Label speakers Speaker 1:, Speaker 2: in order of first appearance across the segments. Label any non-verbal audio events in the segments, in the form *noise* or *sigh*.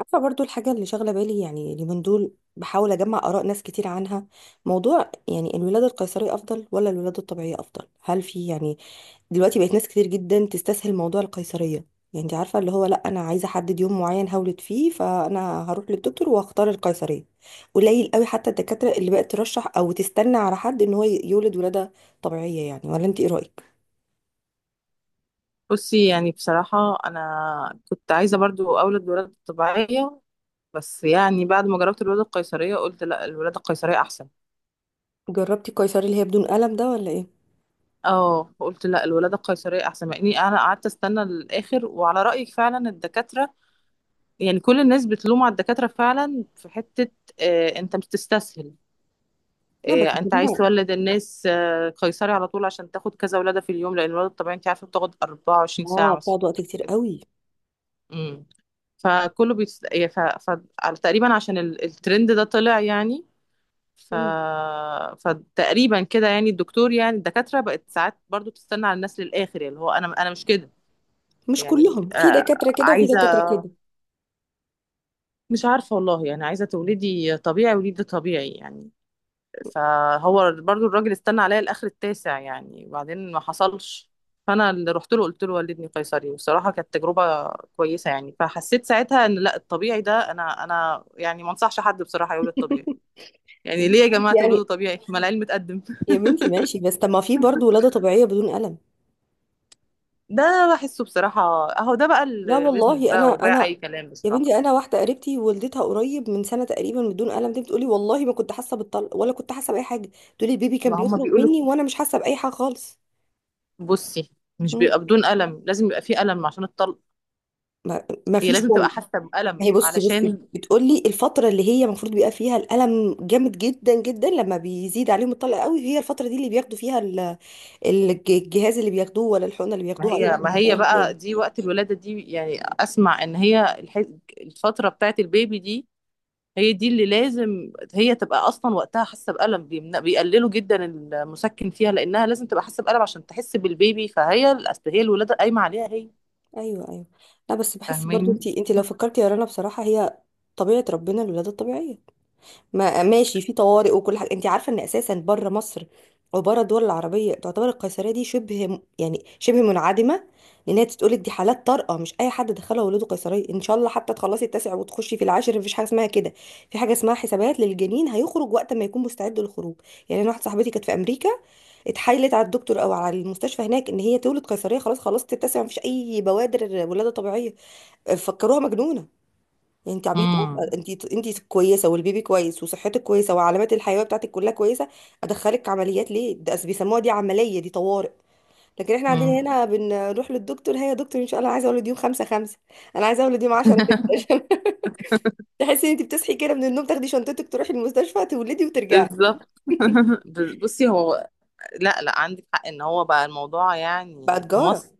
Speaker 1: عارفة برضو الحاجة اللي شاغلة بالي، يعني اليومين دول بحاول أجمع آراء ناس كتير عنها. موضوع يعني الولادة القيصرية أفضل ولا الولادة الطبيعية أفضل؟ هل في يعني دلوقتي بقت ناس كتير جدا تستسهل موضوع القيصرية؟ يعني أنت عارفة اللي هو لأ، أنا عايزة أحدد يوم معين هولد فيه، فأنا هروح للدكتور وهختار القيصرية. قليل قوي حتى الدكاترة اللي بقت ترشح أو تستنى على حد إن هو يولد ولادة طبيعية. يعني ولا أنت إيه رأيك؟
Speaker 2: بصي، يعني بصراحة أنا كنت عايزة برضو أولد بولادة طبيعية. بس يعني بعد ما جربت الولادة القيصرية قلت لا، الولادة القيصرية أحسن.
Speaker 1: جربتي القيصري اللي هي بدون ألم ده ولا إيه؟
Speaker 2: اه، قلت لا الولادة القيصرية أحسن، مع إني أنا قعدت أستنى للآخر وعلى رأيك فعلا الدكاترة، يعني كل الناس بتلوم على الدكاترة فعلا في حتة. آه، أنت بتستسهل.
Speaker 1: لا
Speaker 2: آه،
Speaker 1: بس
Speaker 2: أنت عايز
Speaker 1: كده.
Speaker 2: تولد الناس، آه، قيصري على طول عشان تاخد كذا ولادة في اليوم، لأن الولادة الطبيعية أنت عارفة بتاخد 24
Speaker 1: اه،
Speaker 2: ساعة مثلا.
Speaker 1: بتقعد وقت كتير قوي.
Speaker 2: إمم. فكله تقريبا عشان الترند ده طلع يعني. ف... فتقريبا كده يعني الدكتور، يعني الدكاترة بقت ساعات برضو تستنى على الناس للآخر، يعني اللي هو أنا مش كده.
Speaker 1: مش كلهم،
Speaker 2: يعني
Speaker 1: في
Speaker 2: آه،
Speaker 1: دكاترة كده وفي
Speaker 2: عايزة،
Speaker 1: دكاترة كده.
Speaker 2: مش عارفة والله، يعني عايزة تولدي طبيعي وليدي طبيعي يعني. فهو برضو الراجل استنى عليا الاخر التاسع يعني، وبعدين ما حصلش. فانا اللي رحت له قلت له والدني قيصري، والصراحه كانت تجربه كويسه يعني. فحسيت ساعتها ان لا، الطبيعي ده، انا يعني ما انصحش حد بصراحه يولد طبيعي. يعني ليه يا
Speaker 1: *laughs*
Speaker 2: جماعه تولدوا
Speaker 1: يعني
Speaker 2: طبيعي، ما العلم اتقدم؟ *laughs*
Speaker 1: يا بنتي ماشي، بس طب ما في برضه ولادة طبيعية بدون ألم؟
Speaker 2: ده بحسه بصراحه، اهو ده بقى
Speaker 1: لا
Speaker 2: البيزنس
Speaker 1: والله، أنا
Speaker 2: بقى، وباع اي
Speaker 1: أنا
Speaker 2: كلام
Speaker 1: يا
Speaker 2: بصراحه.
Speaker 1: بنتي أنا واحدة قريبتي ولدتها قريب من سنة تقريبا بدون ألم، دي بتقولي والله ما كنت حاسة بالطلق ولا كنت حاسة بأي حاجة. تقولي البيبي كان
Speaker 2: ما هم
Speaker 1: بيخرج
Speaker 2: بيقولوا.
Speaker 1: مني وأنا مش حاسة بأي حاجة خالص.
Speaker 2: بصي، مش
Speaker 1: مم.
Speaker 2: بيبقى بدون ألم، لازم يبقى فيه ألم عشان الطلق.
Speaker 1: ما
Speaker 2: هي
Speaker 1: فيش.
Speaker 2: لازم تبقى
Speaker 1: ما
Speaker 2: حاسة بألم
Speaker 1: هي بصي بصي
Speaker 2: علشان.
Speaker 1: بتقولي الفترة اللي هي المفروض بيبقى فيها الألم جامد جدا جدا لما بيزيد عليهم الطلق قوي، هي الفترة دي اللي بياخدوا فيها الجهاز اللي بياخدوه ولا الحقنة اللي
Speaker 2: ما
Speaker 1: بياخدوها أي
Speaker 2: هي
Speaker 1: وقت
Speaker 2: ما هي
Speaker 1: أيا كان.
Speaker 2: بقى دي وقت الولادة دي، يعني أسمع إن هي الفترة بتاعت البيبي دي، هي دي اللي لازم هي تبقى أصلا وقتها حاسة بألم. بيقللوا جدا المسكن فيها، لأنها لازم تبقى حاسة بألم عشان تحس بالبيبي، فهي أصل هي الولادة قايمة عليها هي.
Speaker 1: أيوه أيوه. لا بس بحس برضو، أنت
Speaker 2: فاهمين.
Speaker 1: أنت لو فكرتي يا رنا بصراحة، هي طبيعة ربنا الولادة الطبيعية. ما ماشي في طوارئ وكل حاجه، انت عارفه ان اساسا بره مصر وبره الدول العربيه تعتبر القيصريه دي شبه يعني شبه منعدمه، لانها تتقول دي حالات طارئه، مش اي حد دخلها ولاده قيصريه ان شاء الله حتى تخلصي التاسع وتخشي في العاشر مفيش حاجه اسمها كده. في حاجه اسمها حسابات للجنين، هيخرج وقت ما يكون مستعد للخروج. يعني انا واحده صاحبتي كانت في امريكا، اتحايلت على الدكتور او على المستشفى هناك ان هي تولد قيصريه، خلاص خلصت التاسع مفيش اي بوادر ولاده طبيعيه، فكروها مجنونه، انت عبيطه.
Speaker 2: امم.
Speaker 1: انت كويسه والبيبي كويس وصحتك كويسه وعلامات الحيويه بتاعتك كلها كويسه، ادخلك عمليات ليه؟ ده بيسموها دي عمليه دي طوارئ. لكن احنا عندنا
Speaker 2: امم.
Speaker 1: هنا بنروح للدكتور، هي يا دكتور ان شاء الله انا عايزه اولد يوم 5/5، انا عايزه اولد يوم 10، 6. *laughs* تحسي ان انت بتصحي كده من النوم تاخدي شنطتك تروحي المستشفى تولدي وترجعي.
Speaker 2: بالظبط.
Speaker 1: *laughs*
Speaker 2: *laughs* بصي هو، لا، لا، عندك حق إن هو بقى الموضوع
Speaker 1: بقى
Speaker 2: يعني في
Speaker 1: تجاره.
Speaker 2: مصر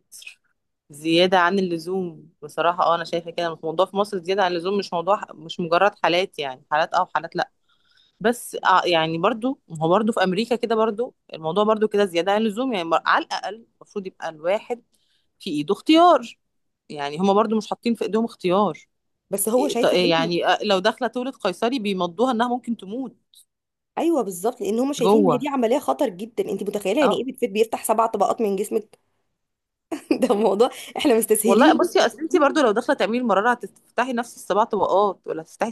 Speaker 2: زيادة عن اللزوم بصراحة. اه، انا شايفة كده الموضوع في مصر زيادة عن اللزوم، مش موضوع، مش مجرد حالات يعني، حالات اه وحالات لا. بس آه، يعني برضو ما هو برضو في امريكا كده برضو الموضوع برضو كده زيادة عن اللزوم يعني. على الاقل المفروض يبقى الواحد في ايده اختيار، يعني هما برضو مش حاطين في ايديهم اختيار.
Speaker 1: بس هو
Speaker 2: إيه
Speaker 1: شايفك
Speaker 2: إيه
Speaker 1: انت.
Speaker 2: يعني، آه، لو داخلة تولد قيصري بيمضوها انها ممكن تموت.
Speaker 1: ايوه بالظبط، لان هم شايفين ان هي دي
Speaker 2: جوه.
Speaker 1: عمليه خطر جدا، انت متخيله يعني
Speaker 2: اه
Speaker 1: ايه بتفيد؟ بيفتح 7 طبقات من جسمك *laughs* ده الموضوع، احنا
Speaker 2: والله
Speaker 1: مستسهلين.
Speaker 2: بصي، اصل انت برضو لو داخله تعملي المراره هتفتحي نفس السبع طبقات، ولا هتفتحي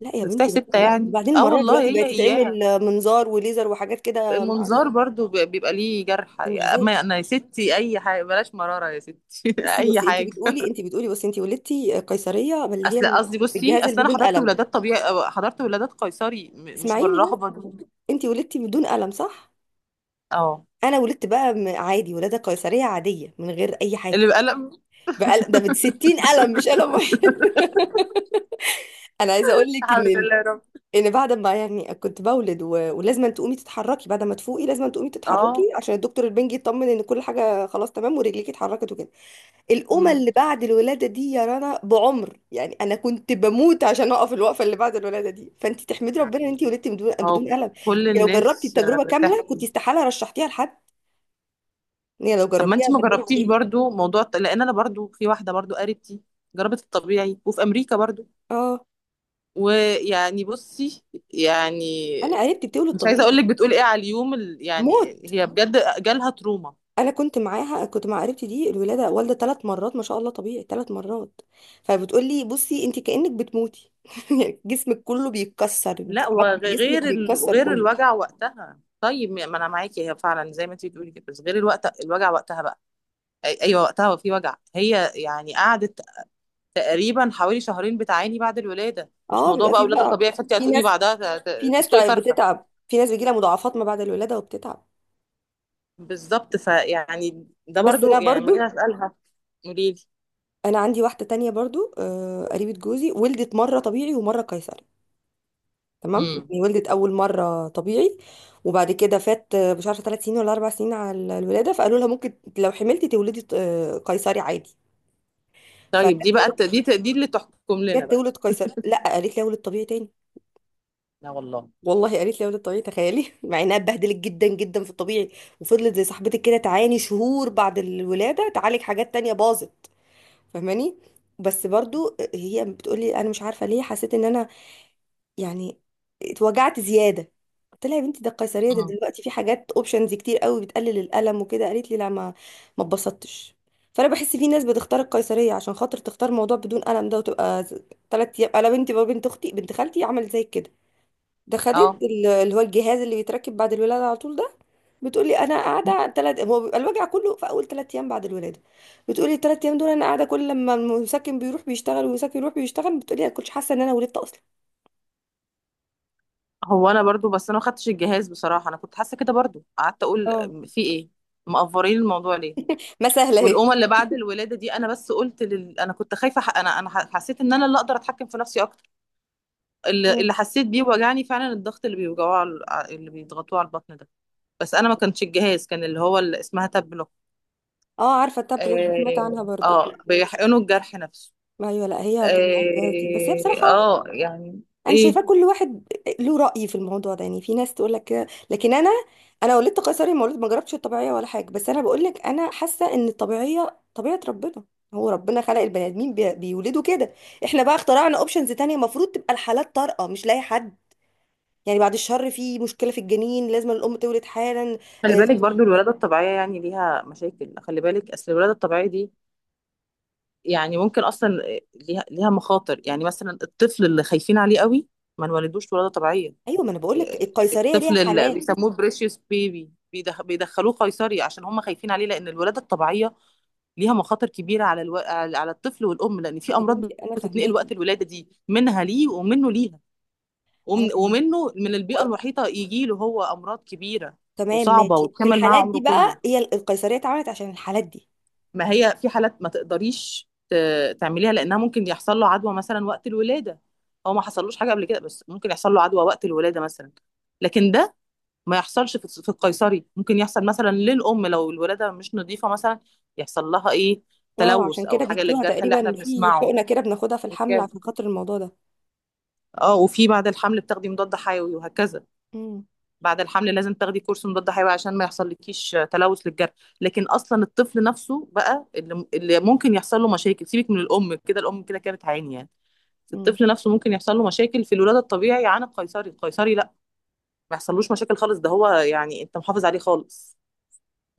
Speaker 1: لا يا
Speaker 2: بفتحي
Speaker 1: بنتي، بس
Speaker 2: ستة
Speaker 1: لا،
Speaker 2: يعني؟
Speaker 1: وبعدين
Speaker 2: اه
Speaker 1: المرايح
Speaker 2: والله
Speaker 1: دلوقتي
Speaker 2: هي
Speaker 1: بقت تتعمل
Speaker 2: اياها.
Speaker 1: منظار وليزر وحاجات كده ما اعرفش.
Speaker 2: المنظار برضو بيبقى ليه جرح.
Speaker 1: مش زي.
Speaker 2: اما انا يا ستي اي حاجه بلاش مراره يا ستي *laughs*
Speaker 1: بصي
Speaker 2: اي
Speaker 1: بصي، انت
Speaker 2: حاجه.
Speaker 1: بتقولي انت بتقولي بصي، انت ولدتي قيصريه اللي
Speaker 2: اصل
Speaker 1: هي
Speaker 2: قصدي، بصي
Speaker 1: بالجهاز اللي
Speaker 2: اصل انا
Speaker 1: بدون
Speaker 2: حضرت
Speaker 1: قلم.
Speaker 2: ولادات طبيعي أو حضرت ولادات قيصري مش
Speaker 1: اسمعيني بس.
Speaker 2: بالرهبه دي.
Speaker 1: انت ولدتي بدون قلم صح؟
Speaker 2: اه.
Speaker 1: انا ولدت بقى عادي ولاده قيصريه عاديه من غير اي
Speaker 2: اللي
Speaker 1: حاجه،
Speaker 2: بقلق.
Speaker 1: بقى ده ب 60 قلم مش قلم واحد *laughs* انا عايزه اقول لك
Speaker 2: الحمد
Speaker 1: ان،
Speaker 2: لله يا رب.
Speaker 1: ان بعد ما يعني كنت بولد ولازم أن تقومي تتحركي بعد ما تفوقي، لازم أن تقومي تتحركي
Speaker 2: اه.
Speaker 1: عشان الدكتور البنجي يطمن ان كل حاجه خلاص تمام ورجليكي اتحركت وكده. الأمة
Speaker 2: أمم.
Speaker 1: اللي بعد الولادة دي يا رنا بعمر، يعني أنا كنت بموت عشان أقف الوقفة اللي بعد الولادة دي، فأنت تحمدي ربنا إن أنت
Speaker 2: يعني.
Speaker 1: ولدتي بدون
Speaker 2: اه
Speaker 1: ألم.
Speaker 2: كل
Speaker 1: أنت لو جربتي
Speaker 2: الناس آه،
Speaker 1: التجربة كاملة كنت
Speaker 2: بتحكي.
Speaker 1: استحالة رشحتيها لحد، إن هي لو
Speaker 2: طب ما
Speaker 1: جربتيها
Speaker 2: انت ما
Speaker 1: تجربة
Speaker 2: جربتيش
Speaker 1: عادية.
Speaker 2: برضو موضوع لان انا برضو في واحده برضو قريبتي جربت الطبيعي وفي امريكا برضو.
Speaker 1: أه
Speaker 2: ويعني بصي، يعني
Speaker 1: أنا قريبتي بتولد
Speaker 2: مش عايزه اقول
Speaker 1: طبيعي.
Speaker 2: لك بتقول ايه على اليوم، يعني
Speaker 1: موت!
Speaker 2: هي بجد جالها تروما.
Speaker 1: أنا كنت معاها، كنت مع قريبتي دي الولادة، والدة 3 مرات ما شاء الله طبيعي 3 مرات. فبتقول لي بصي أنت كأنك بتموتي *laughs* يعني جسمك كله بيتكسر،
Speaker 2: لا،
Speaker 1: عظم جسمك
Speaker 2: وغير
Speaker 1: بيتكسر
Speaker 2: غير
Speaker 1: كله.
Speaker 2: الوجع وقتها. طيب ما انا معاكي، هي فعلا زي ما انت بتقولي كده، بس غير الوقت، الوجع وقتها بقى. ايوه وقتها، وفي وجع. هي يعني قعدت تقريبا حوالي شهرين بتعاني بعد الولاده، مش
Speaker 1: أه
Speaker 2: موضوع
Speaker 1: بيبقى
Speaker 2: بقى
Speaker 1: فيه
Speaker 2: ولاده
Speaker 1: بقى،
Speaker 2: طبيعي، فانت
Speaker 1: في
Speaker 2: هتقولي
Speaker 1: ناس،
Speaker 2: بعدها تسلقي فرخه.
Speaker 1: بتتعب، في ناس بيجيلها مضاعفات ما بعد الولادة وبتتعب.
Speaker 2: بالظبط. فيعني ده
Speaker 1: بس انا
Speaker 2: برضو يعني لما جيت
Speaker 1: برضو،
Speaker 2: اسالها قولي لي.
Speaker 1: انا عندي واحدة تانية برضو آه، قريبة جوزي ولدت مرة طبيعي ومرة قيصري. تمام
Speaker 2: امم.
Speaker 1: يعني ولدت اول مرة طبيعي، وبعد كده فات آه، مش عارفة 3 سنين ولا 4 سنين على الولادة، فقالوا لها ممكن لو حملتي تولدي آه، قيصري عادي. فجت
Speaker 2: طيب دي بقى
Speaker 1: تولد،
Speaker 2: دي اللي تحكم لنا
Speaker 1: جت
Speaker 2: بقى.
Speaker 1: تولد قيصري لا قالت لي اولد طبيعي تاني.
Speaker 2: لا والله.
Speaker 1: والله قالت لي اولد طبيعي، تخيلي *laughs* مع انها اتبهدلت جدا جدا في الطبيعي وفضلت زي صاحبتك كده تعاني شهور بعد الولادة تعالج حاجات تانية باظت، فاهماني؟ بس برضو هي بتقولي انا مش عارفه ليه حسيت ان انا يعني اتوجعت زياده. قلت لها يا بنتي، ده القيصريه ده
Speaker 2: مم.
Speaker 1: دلوقتي في حاجات اوبشنز كتير قوي بتقلل الالم وكده، قالت لي لا، ما اتبسطتش. فانا بحس في ناس بتختار القيصريه عشان خاطر تختار موضوع بدون الم ده، وتبقى 3 ايام. انا بنتي بقى، بنت اختي، بنت خالتي عملت زي كده، ده خدت
Speaker 2: اه
Speaker 1: اللي هو الجهاز اللي بيتركب بعد الولاده على طول ده. بتقولي انا قاعده ثلاث، هو بيبقى الوجع كله في اول 3 ايام بعد الولاده، بتقولي الـ3 ايام دول انا قاعده كل لما المسكن بيروح بيشتغل والمسكن يروح بيشتغل، بتقولي انا كنتش حاسه ان انا ولدت اصلا.
Speaker 2: هو انا برضو، بس انا ما خدتش الجهاز بصراحه، انا كنت حاسه كده برضو، قعدت اقول
Speaker 1: اه
Speaker 2: في ايه. مقفرين الموضوع ليه.
Speaker 1: ما سهله اهي.
Speaker 2: والأمة اللي بعد الولادة دي أنا بس قلت أنا كنت خايفة، ح... أنا أنا ح- حسيت إن أنا اللي أقدر أتحكم في نفسي أكتر. اللي,
Speaker 1: مم.
Speaker 2: اللي حسيت بيه وجعني فعلا الضغط اللي بيوجعوه اللي بيضغطوه على البطن ده. بس أنا ما كانش الجهاز، كان اللي هو اللي اسمها تابلو.
Speaker 1: اه، عارفه التابلوك دي سمعت عنها برضو.
Speaker 2: آه، بيحقنوا الجرح نفسه.
Speaker 1: ما ايوه، لا هي كان معاها الجهاز دي بس هي بصراحه،
Speaker 2: آه يعني.
Speaker 1: انا
Speaker 2: إيه.
Speaker 1: شايفاه كل واحد له رأي في الموضوع ده، يعني في ناس تقول لك كده لكن انا، انا ولدت قيصري، ما ولدت ما جربتش الطبيعيه ولا حاجه، بس انا بقول لك انا حاسه ان الطبيعيه طبيعه ربنا، هو ربنا خلق البني ادمين بيولدوا كده. احنا بقى اخترعنا اوبشنز تانية، المفروض تبقى الحالات طارئه مش لاقي حد، يعني بعد الشر في مشكله في الجنين لازم الام تولد حالا.
Speaker 2: خلي
Speaker 1: آه،
Speaker 2: بالك برضو الولادة الطبيعية يعني ليها مشاكل. خلي بالك أصل الولادة الطبيعية دي يعني ممكن أصلا ليها مخاطر يعني، مثلا الطفل اللي خايفين عليه قوي ما نولدوش ولادة طبيعية.
Speaker 1: ايوه، ما انا بقول لك القيصريه ليها
Speaker 2: الطفل اللي
Speaker 1: حالات.
Speaker 2: بيسموه بريشيوس بيبي بيدخلوه قيصري عشان هم خايفين عليه، لأن الولادة الطبيعية ليها مخاطر كبيرة على على الطفل والأم، لأن في
Speaker 1: يا بنتي
Speaker 2: أمراض
Speaker 1: انا
Speaker 2: بتتنقل
Speaker 1: فاهماكي،
Speaker 2: وقت الولادة دي منها ليه ومنه ليها.
Speaker 1: انا فاهماكي
Speaker 2: ومنه من البيئة
Speaker 1: و-
Speaker 2: المحيطة يجي له هو أمراض كبيرة
Speaker 1: تمام
Speaker 2: وصعبة
Speaker 1: ماشي، في
Speaker 2: وتكمل معاه
Speaker 1: الحالات
Speaker 2: عمره
Speaker 1: دي
Speaker 2: كله.
Speaker 1: بقى هي القيصريه اتعملت عشان الحالات دي.
Speaker 2: ما هي في حالات ما تقدريش تعمليها، لانها ممكن يحصل له عدوى مثلا وقت الولاده. هو ما حصلوش حاجه قبل كده بس ممكن يحصل له عدوى وقت الولاده مثلا، لكن ده ما يحصلش. في في القيصري ممكن يحصل مثلا للام لو الولاده مش نظيفه مثلا. يحصل لها ايه؟
Speaker 1: اه،
Speaker 2: تلوث
Speaker 1: عشان
Speaker 2: او
Speaker 1: كده
Speaker 2: حاجه
Speaker 1: بيدوها
Speaker 2: للجرح اللي احنا
Speaker 1: تقريبا في
Speaker 2: بنسمعه.
Speaker 1: حقنة كده بناخدها في الحمل
Speaker 2: أوكي.
Speaker 1: عشان خاطر الموضوع ده.
Speaker 2: اه، وفي بعد الحمل بتاخدي مضاد حيوي وهكذا.
Speaker 1: امم.
Speaker 2: بعد الحمل لازم تاخدي كورس مضاد حيوي عشان ما يحصل لكيش تلوث للجرح. لكن اصلا الطفل نفسه بقى اللي ممكن يحصل له مشاكل. سيبك من الام، كده الام كده كده بتعاني يعني. بس
Speaker 1: امم.
Speaker 2: الطفل نفسه ممكن يحصل له مشاكل في الولاده الطبيعي عن القيصري، القيصري لا ما يحصلوش مشاكل خالص. ده هو يعني انت محافظ عليه خالص،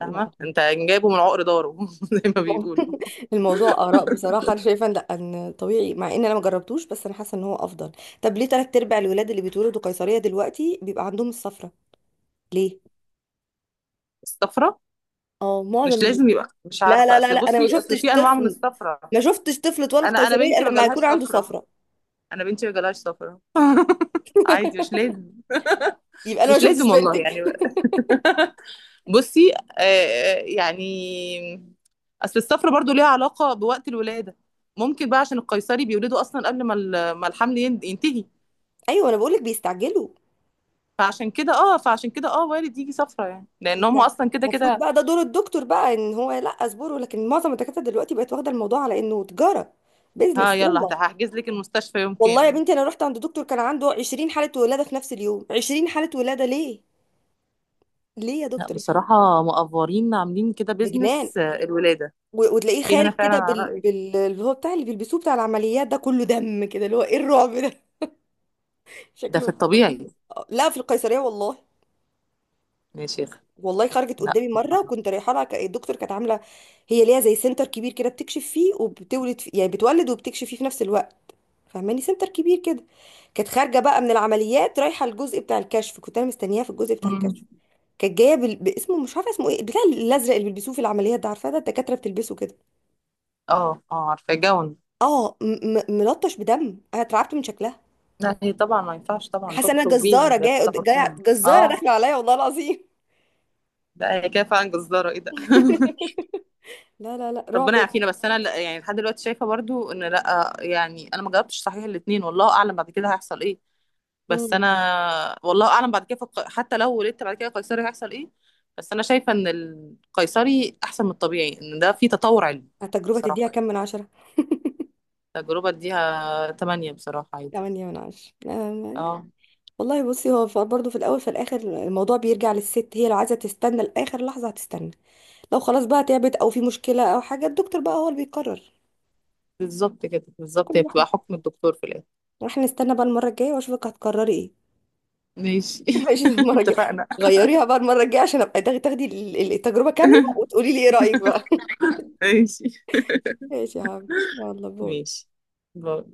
Speaker 1: لا
Speaker 2: انت جايبه من عقر داره *laughs* زي ما
Speaker 1: المو-
Speaker 2: بيقولوا.
Speaker 1: *laughs* الموضوع آراء بصراحة، أنا شايفة إن لا، إن طبيعي مع إن أنا ما جربتوش بس أنا حاسة إن هو أفضل. طب ليه تلات أرباع الولاد اللي بيتولدوا قيصرية دلوقتي بيبقى عندهم الصفرة؟ ليه؟
Speaker 2: الصفرة
Speaker 1: اه معظم
Speaker 2: مش لازم يبقى، مش
Speaker 1: لا
Speaker 2: عارفه،
Speaker 1: لا لا
Speaker 2: اصل
Speaker 1: لا، أنا ما
Speaker 2: بصي اصل
Speaker 1: شفتش
Speaker 2: في انواع من
Speaker 1: طفل،
Speaker 2: الصفرة.
Speaker 1: ما شفتش طفل اتولد
Speaker 2: انا
Speaker 1: قيصرية
Speaker 2: بنتي
Speaker 1: إلا
Speaker 2: ما
Speaker 1: لما
Speaker 2: جالهاش
Speaker 1: يكون عنده
Speaker 2: صفرة.
Speaker 1: صفرة.
Speaker 2: انا بنتي ما جالهاش صفرة عادي، مش لازم.
Speaker 1: يبقى أنا ما
Speaker 2: مش
Speaker 1: شفتش
Speaker 2: لازم والله
Speaker 1: بنتك
Speaker 2: يعني.
Speaker 1: *laughs*
Speaker 2: بصي آه يعني، اصل الصفرة برضو ليها علاقة بوقت الولادة. ممكن بقى عشان القيصري بيولدوا اصلا قبل ما ما الحمل ينتهي.
Speaker 1: أيوه أنا بقولك بيستعجلوا.
Speaker 2: فعشان كده وارد يجي صفرة يعني، لان هم اصلا كده
Speaker 1: المفروض
Speaker 2: كده.
Speaker 1: بقى ده دور الدكتور بقى ان هو لا اصبره، لكن معظم الدكاتره دلوقتي بقت واخده الموضوع على انه تجاره،
Speaker 2: ها،
Speaker 1: بيزنس
Speaker 2: يلا
Speaker 1: يلا.
Speaker 2: هحجز لك المستشفى يوم
Speaker 1: والله يا
Speaker 2: كام؟
Speaker 1: بنتي، انا رحت عند دكتور كان عنده 20 حاله ولاده في نفس اليوم، 20 حاله ولاده ليه؟ ليه يا
Speaker 2: لا
Speaker 1: دكتور يا حبيبي؟
Speaker 2: بصراحة مقفورين عاملين كده
Speaker 1: ده جنان.
Speaker 2: بيزنس، آه، الولادة.
Speaker 1: وتلاقيه
Speaker 2: في هنا
Speaker 1: خارج
Speaker 2: فعلا
Speaker 1: كده
Speaker 2: على رأيي،
Speaker 1: بال اللي هو بتاع اللي بيلبسوه بتاع العمليات ده كله دم كده، اللي هو ايه الرعب ده *laughs*
Speaker 2: ده
Speaker 1: شكله
Speaker 2: في
Speaker 1: يبقى فظيع.
Speaker 2: الطبيعي
Speaker 1: آه، لا في القيصريه والله.
Speaker 2: يا شيخ.
Speaker 1: والله خرجت
Speaker 2: لا.
Speaker 1: قدامي مره وكنت رايحه لها إيه، الدكتور كانت عامله هي ليها زي سنتر كبير كده بتكشف فيه وبتولد فيه، يعني بتولد وبتكشف فيه في نفس الوقت، فاهماني؟ سنتر كبير كده. كانت خارجه بقى من العمليات رايحه الجزء بتاع الكشف، كنت انا مستنياها في الجزء بتاع
Speaker 2: امم.
Speaker 1: الكشف، كانت جايه باسمه، مش عارفه اسمه ايه، بتاع الازرق اللي بيلبسوه في العمليات ده، عارفاه ده الدكاتره بتلبسه كده.
Speaker 2: اه. اه، عارفة، جون.
Speaker 1: اه ملطش بدم، انا اترعبت من شكلها،
Speaker 2: لا هي طبعا ما ينفعش طبعا
Speaker 1: حاسه ان انا
Speaker 2: تخرج بيها،
Speaker 1: جزاره
Speaker 2: ده
Speaker 1: جايه،
Speaker 2: كده
Speaker 1: جايه
Speaker 2: غلطان.
Speaker 1: جزاره
Speaker 2: اه.
Speaker 1: داخله عليا والله العظيم.
Speaker 2: لا هي كده فعلا جزارة، ايه ده؟
Speaker 1: لا لا لا، رعب.
Speaker 2: ربنا يعافينا. بس انا يعني لحد دلوقتي شايفة برضو ان لا يعني، انا ما جربتش صحيح الاتنين، والله اعلم بعد كده هيحصل ايه. بس
Speaker 1: مم.
Speaker 2: انا والله اعلم بعد كده في حتى لو ولدت بعد كده قيصري هيحصل ايه. بس انا شايفة ان القيصري احسن من الطبيعي، ان ده فيه تطور علمي.
Speaker 1: التجربه
Speaker 2: بصراحة
Speaker 1: تديها كام من 10؟ *laughs*
Speaker 2: التجربة اديها 8 بصراحة عادي.
Speaker 1: 8/10، آه،.
Speaker 2: اه.
Speaker 1: والله بصي هو برضه في الأول في الآخر الموضوع بيرجع للست، هي لو عايزة تستنى لآخر لحظة هتستنى، لو خلاص بقى تعبت أو في مشكلة أو حاجة الدكتور بقى هو اللي بيقرر،
Speaker 2: بالظبط كده،
Speaker 1: كل
Speaker 2: بالظبط هي
Speaker 1: واحد.
Speaker 2: بتبقى حكم الدكتور في الاخر.
Speaker 1: واحنا نستنى بقى المرة الجاية وأشوفك هتقرري إيه.
Speaker 2: ماشي.
Speaker 1: *laughs* ماشي
Speaker 2: *laughs*
Speaker 1: المرة الجاية،
Speaker 2: اتفقنا.
Speaker 1: غيريها بقى المرة الجاية عشان أبقى تاخدي التجربة كاملة
Speaker 2: *laughs*
Speaker 1: وتقولي لي إيه رأيك بقى.
Speaker 2: ماشي.
Speaker 1: *laughs* ماشي يا حبيبي، يلا باي.
Speaker 2: ماشي. باي.